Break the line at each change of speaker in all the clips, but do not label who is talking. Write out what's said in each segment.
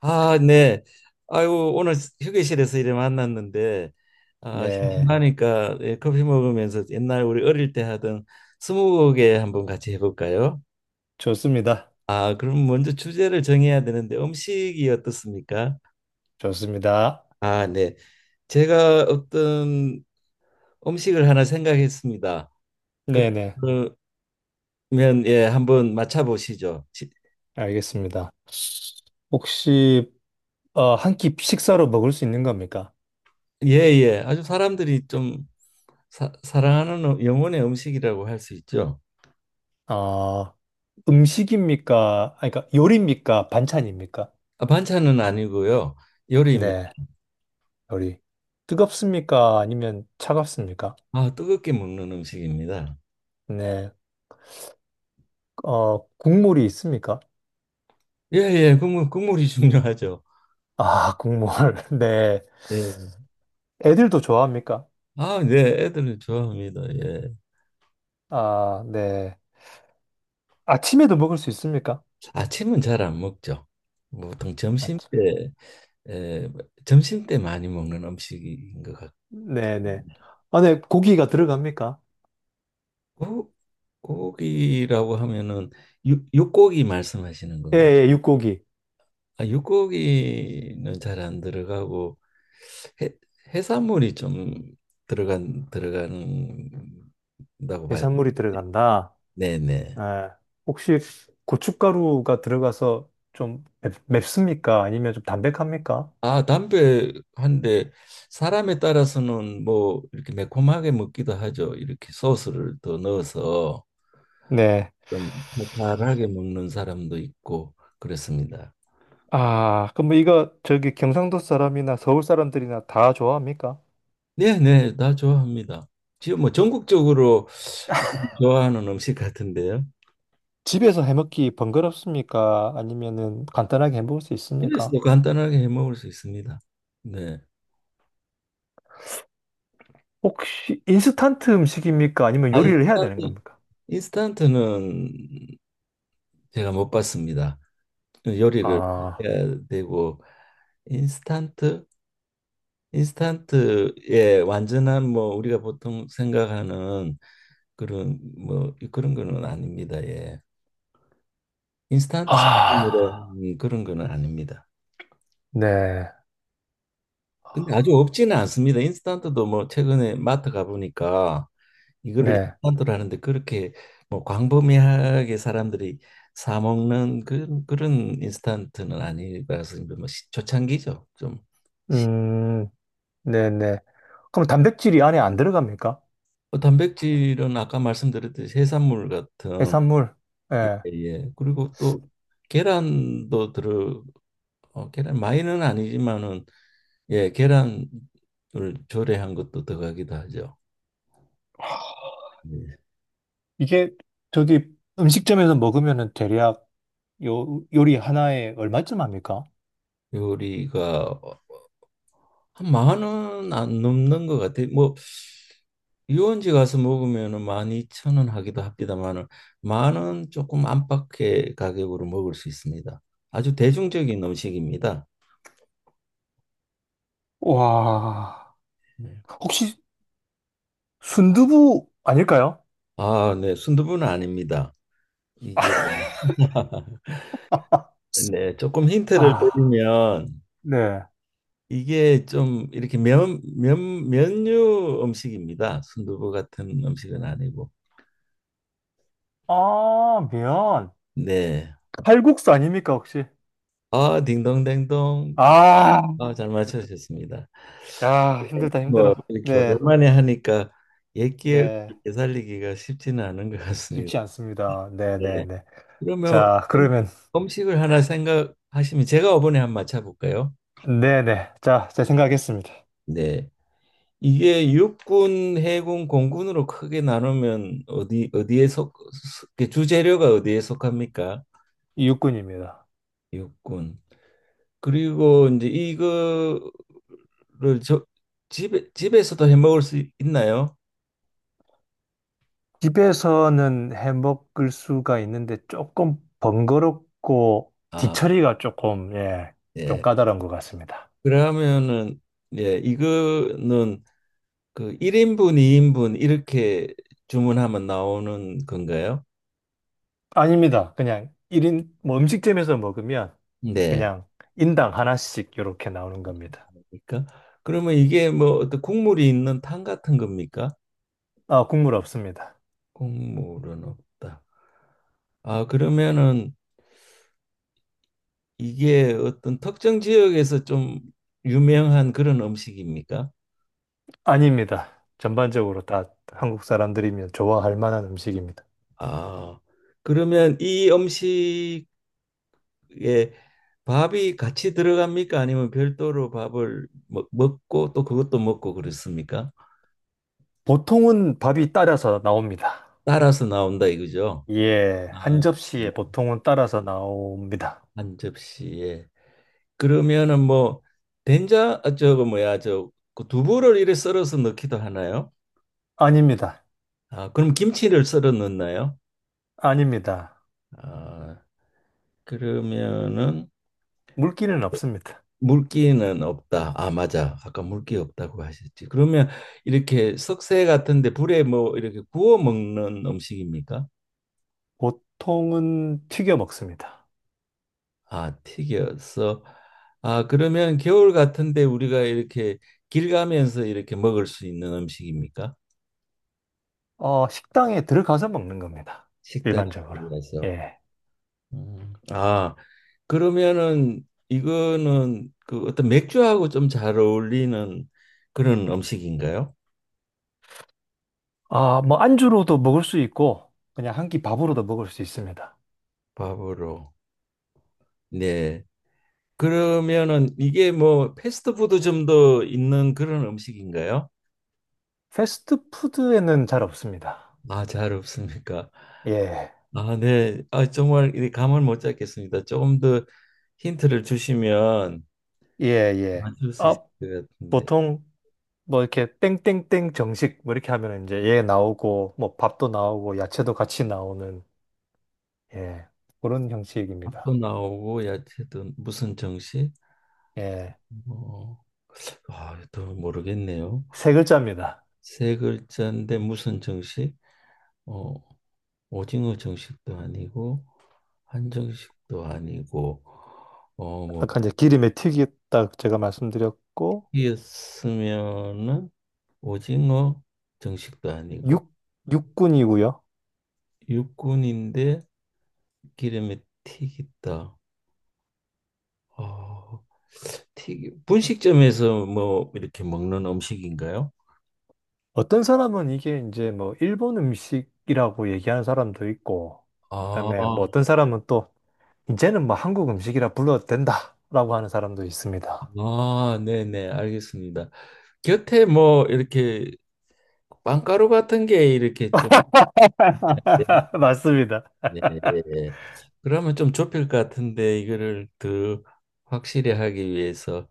아, 네. 아이고, 오늘 휴게실에서 이래 만났는데, 아,
네,
심심하니까 예, 커피 먹으면서 옛날 우리 어릴 때 하던 스무고개 한번 같이 해볼까요?
좋습니다.
아, 그럼 먼저 주제를 정해야 되는데 음식이 어떻습니까?
좋습니다.
아, 네. 제가 어떤 음식을 하나 생각했습니다.
네네,
그러면 예, 한번 맞춰보시죠.
알겠습니다. 혹시 한 끼 식사로 먹을 수 있는 겁니까?
예, 예. 아주 사람들이 좀 사랑하는 영혼의 음식이라고 할 수 있죠.
어, 음식입니까? 아니, 그러니까 요리입니까? 반찬입니까?
아, 반찬은 아니고요. 요리입니다.
네, 요리. 뜨겁습니까? 아니면 차갑습니까?
아, 뜨겁게 먹는 음식입니다.
네, 국물이 있습니까?
예, 예, 국물이 중요하죠.
아, 국물. 네.
예.
애들도 좋아합니까?
아, 네, 애들은 좋아합니다. 예.
아, 네. 아침에도 먹을 수 있습니까?
아침은 잘 안 먹죠. 보통 점심
아침에.
때, 예, 점심 때 많이 먹는 음식인 것 같고.
네네. 안에 고기가 들어갑니까?
고- 고기라고 하면은 육고기 말씀하시는 건가요?
예, 예, 육고기.
아, 육고기는 잘 안 들어가고 해, 해산물이 좀 들어간다고 봐요.
해산물이 들어간다.
네네.
예. 혹시 고춧가루가 들어가서 좀 맵습니까? 아니면 좀 담백합니까?
아, 담배 한 대 사람에 따라서는 뭐 이렇게 매콤하게 먹기도 하죠. 이렇게 소스를 더 넣어서
네.
좀 달달하게 먹는 사람도 있고 그렇습니다.
아, 그럼 뭐 이거 저기 경상도 사람이나 서울 사람들이나 다 좋아합니까?
네네, 다 좋아합니다. 지금 뭐 전국적으로 좋아하는 음식 같은데요.
집에서 해먹기 번거롭습니까? 아니면은 간단하게 해먹을 수 있습니까?
그래서도 간단하게 해 먹을 수 있습니다. 네.
혹시 인스턴트 음식입니까? 아니면
아,
요리를 해야 되는
인스턴트,
겁니까?
인스턴트는 제가 못 봤습니다. 요리를
아,
해야 되고 인스턴트, 인스턴트의 완전한 뭐 우리가 보통 생각하는 그런 뭐 그런 거는 아닙니다. 예. 인스턴트
아,
식품이라 그런 거는 아닙니다.
네, 아,
근데 아주 없지는 않습니다. 인스턴트도 뭐 최근에 마트 가보니까 이거를
네.
인스턴트로 하는데 그렇게 뭐 광범위하게 사람들이 사 먹는 그런 인스턴트는 아니라서 이제 뭐 초창기죠. 좀 시-
음. 네네. 그럼 단백질이 안에 안 들어갑니까?
단백질은 아까 말씀드렸듯이 해산물 같은
해산물.
예,
예.
예. 그리고 또 계란도 들어 계란 많이는 아니지만은 예, 계란을 조리한 것도 들어가기도 하죠. 예.
이게 저기 음식점에서 먹으면은 대략 요 요리 하나에 얼마쯤 합니까?
요리가 한 10,000원 안 넘는 것 같아. 뭐 유원지 가서 먹으면은 12,000원 하기도 합니다만은 10,000원 조금 안팎의 가격으로 먹을 수 있습니다. 아주 대중적인 음식입니다.
와,
네.
혹시 순두부 아닐까요?
아, 네, 순두부는 아닙니다. 이게 네, 조금 힌트를
아,
드리면
네.
이게 좀 이렇게 면류 음식입니다. 순두부 같은 음식은 아니고.
아, 미안.
네.
칼국수 아닙니까, 혹시?
아, 딩동댕동.
아,
아, 잘 맞춰주셨습니다.
야, 힘들다,
뭐
힘들어.
이렇게
네,
오랜만에 하니까 옛 기억을
네.
되살리기가 쉽지는 않은 것 같습니다.
쉽지 않습니다. 네, 네,
네.
네.
그러면
자,
음-
그러면,
음식을 하나 생각하시면 제가 이번에 한번 맞춰볼까요?
네, 네. 자, 제 생각했습니다.
네. 이게 육군, 해군, 공군으로 크게 나누면 어디 어디에 속 속- 그 주재료가 어디에 속합니까?
육군입니다.
육군. 그리고 이제 이거를 저, 집에서도 해 먹을 수 있나요?
집에서는 해 먹을 수가 있는데 조금 번거롭고
아,
뒤처리가 조금, 예, 좀
예.
까다로운 것 같습니다.
그러면은 예, 이거는 그 1인분, 2인분 이렇게 주문하면 나오는 건가요?
아닙니다. 그냥 일인뭐 음식점에서 먹으면
네.
그냥 인당 하나씩 이렇게 나오는 겁니다.
그러니까 그러면 이게 뭐 어떤 국물이 있는 탕 같은 겁니까?
아, 국물 없습니다.
국물은 없다. 아, 그러면은 이게 어떤 특정 지역에서 좀 유명한 그런 음식입니까?
아닙니다. 전반적으로 다 한국 사람들이면 좋아할 만한 음식입니다.
아, 그러면 이 음식에 밥이 같이 들어갑니까? 아니면 별도로 밥을 먹고 또 그것도 먹고 그렇습니까?
보통은 밥이 따라서 나옵니다.
따라서 나온다 이거죠?
예,
아,
한
네.
접시에 보통은 따라서 나옵니다.
한 접시에. 그러면은 뭐 된장 아, 저거 뭐야 저그 두부를 이래 썰어서 넣기도 하나요?
아닙니다.
아, 그럼 김치를 썰어 넣나요?
아닙니다.
아, 그러면은
물기는 없습니다.
물기는 없다. 아, 맞아. 아까 물기 없다고 하셨지. 그러면 이렇게 석쇠 같은데 불에 뭐 이렇게 구워 먹는 음식입니까?
보통은 튀겨 먹습니다.
아, 튀겨서. 아, 그러면 겨울 같은데 우리가 이렇게 길 가면서 이렇게 먹을 수 있는 음식입니까?
식당에 들어가서 먹는 겁니다.
식당에
일반적으로.
들어가서.
예.
음. 아, 그러면은 이거는 그 어떤 맥주하고 좀 잘 어울리는 그런 음식인가요?
아, 뭐 안주로도 먹을 수 있고 그냥 한 끼 밥으로도 먹을 수 있습니다.
밥으로. 네. 그러면은 이게 뭐 패스트푸드점도 있는 그런 음식인가요?
패스트푸드에는 잘 없습니다.
아, 잘 없습니까?
예.
아, 네. 아, 정말 이 감을 못 잡겠습니다. 조금 더 힌트를 주시면
예, 예.
맞출 수 있을
아,
것 같은데.
보통 뭐 이렇게 땡땡땡 정식 뭐 이렇게 하면 이제 얘 나오고 뭐 밥도 나오고 야채도 같이 나오는 예. 그런 형식입니다.
밥도 나오고 야채도 무슨 정식?
예.
어, 아, 더 모르겠네요.
세 글자입니다.
세 글자인데 무슨 정식? 어, 오징어 정식도 아니고 한정식도 아니고 어, 뭐
아까 이제 기름에 튀겼다 제가 말씀드렸고
튀겼으면은 오징어 정식도 아니고
육 육군이고요.
육군인데 기름에 튀겼다. 어, 튀기 분식점에서 뭐 이렇게 먹는 음식인가요?
어떤 사람은 이게 이제 뭐 일본 음식이라고 얘기하는 사람도 있고
아,
그다음에 뭐 어떤 사람은 또 이제는 뭐 한국 음식이라 불러도 된다라고 하는 사람도 있습니다.
아, 네네, 알겠습니다. 곁에 뭐 이렇게 빵가루 같은 게 이렇게 좀 예,
맞습니다.
예, 예. 예. 그러면 좀 좁힐 것 같은데 이거를 더 확실히 하기 위해서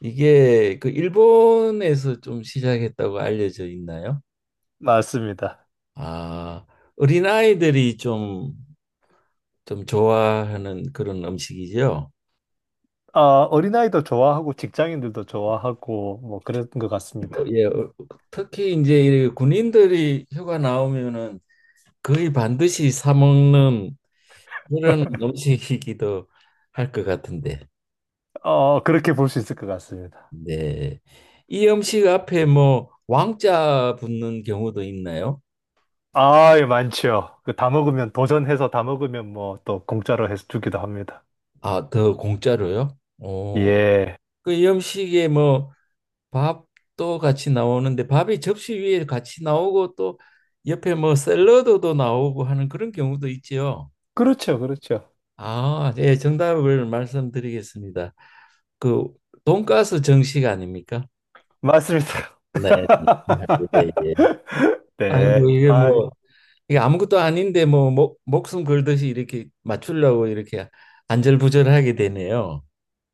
이게 그 일본에서 좀 시작했다고 알려져 있나요?
맞습니다.
아, 어린아이들이 좀 좀 좋아하는 그런 음식이죠.
어, 어린아이도 좋아하고 직장인들도 좋아하고 뭐 그런 것
어,
같습니다.
예, 어, 특히 이제 이 군인들이 휴가 나오면은 거의 반드시 사 먹는 그런 음식이기도 할 것 같은데.
어, 그렇게 볼 수 있을 것 같습니다.
네. 이 음식 앞에 뭐 왕자 붙는 경우도 있나요?
아, 예, 많지요. 그 다 먹으면, 도전해서 다 먹으면 뭐 또 공짜로 해서 주기도 합니다.
아, 더 공짜로요? 어,
예.
그이 음식에 뭐 밥도 같이 나오는데 밥이 접시 위에 같이 나오고 또 옆에 뭐 샐러드도 나오고 하는 그런 경우도 있지요.
그렇죠, 그렇죠.
아, 예, 정답을 말씀드리겠습니다. 그 돈가스 정식 아닙니까?
맞습니다.
네. 네. 예, 예.
네.
아이고 이게
아,
뭐 이게 아무것도 아닌데 뭐 목숨 걸듯이 이렇게 맞추려고 이렇게 안절부절하게 되네요.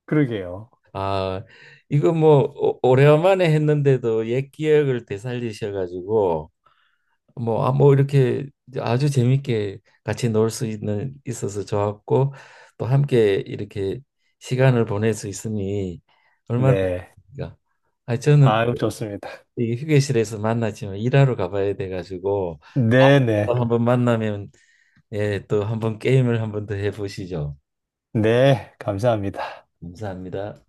그러게요.
아, 이거 뭐 오래간만에 했는데도 옛 기억을 되살리셔 가지고 뭐, 아, 뭐 이렇게 아주 재밌게 같이 놀 수 있는 있어서 좋았고 또 함께 이렇게 시간을 보낼 수 있으니 얼마나
네.
좋습니까? 아, 저는
아 좋습니다.
이 휴게실에서 만났지만 일하러 가봐야 돼 가지고
네네.
또
네.
한번 만나면 예, 또 한 번 게임을 한 번 더 해보시죠.
네, 감사합니다.
감사합니다.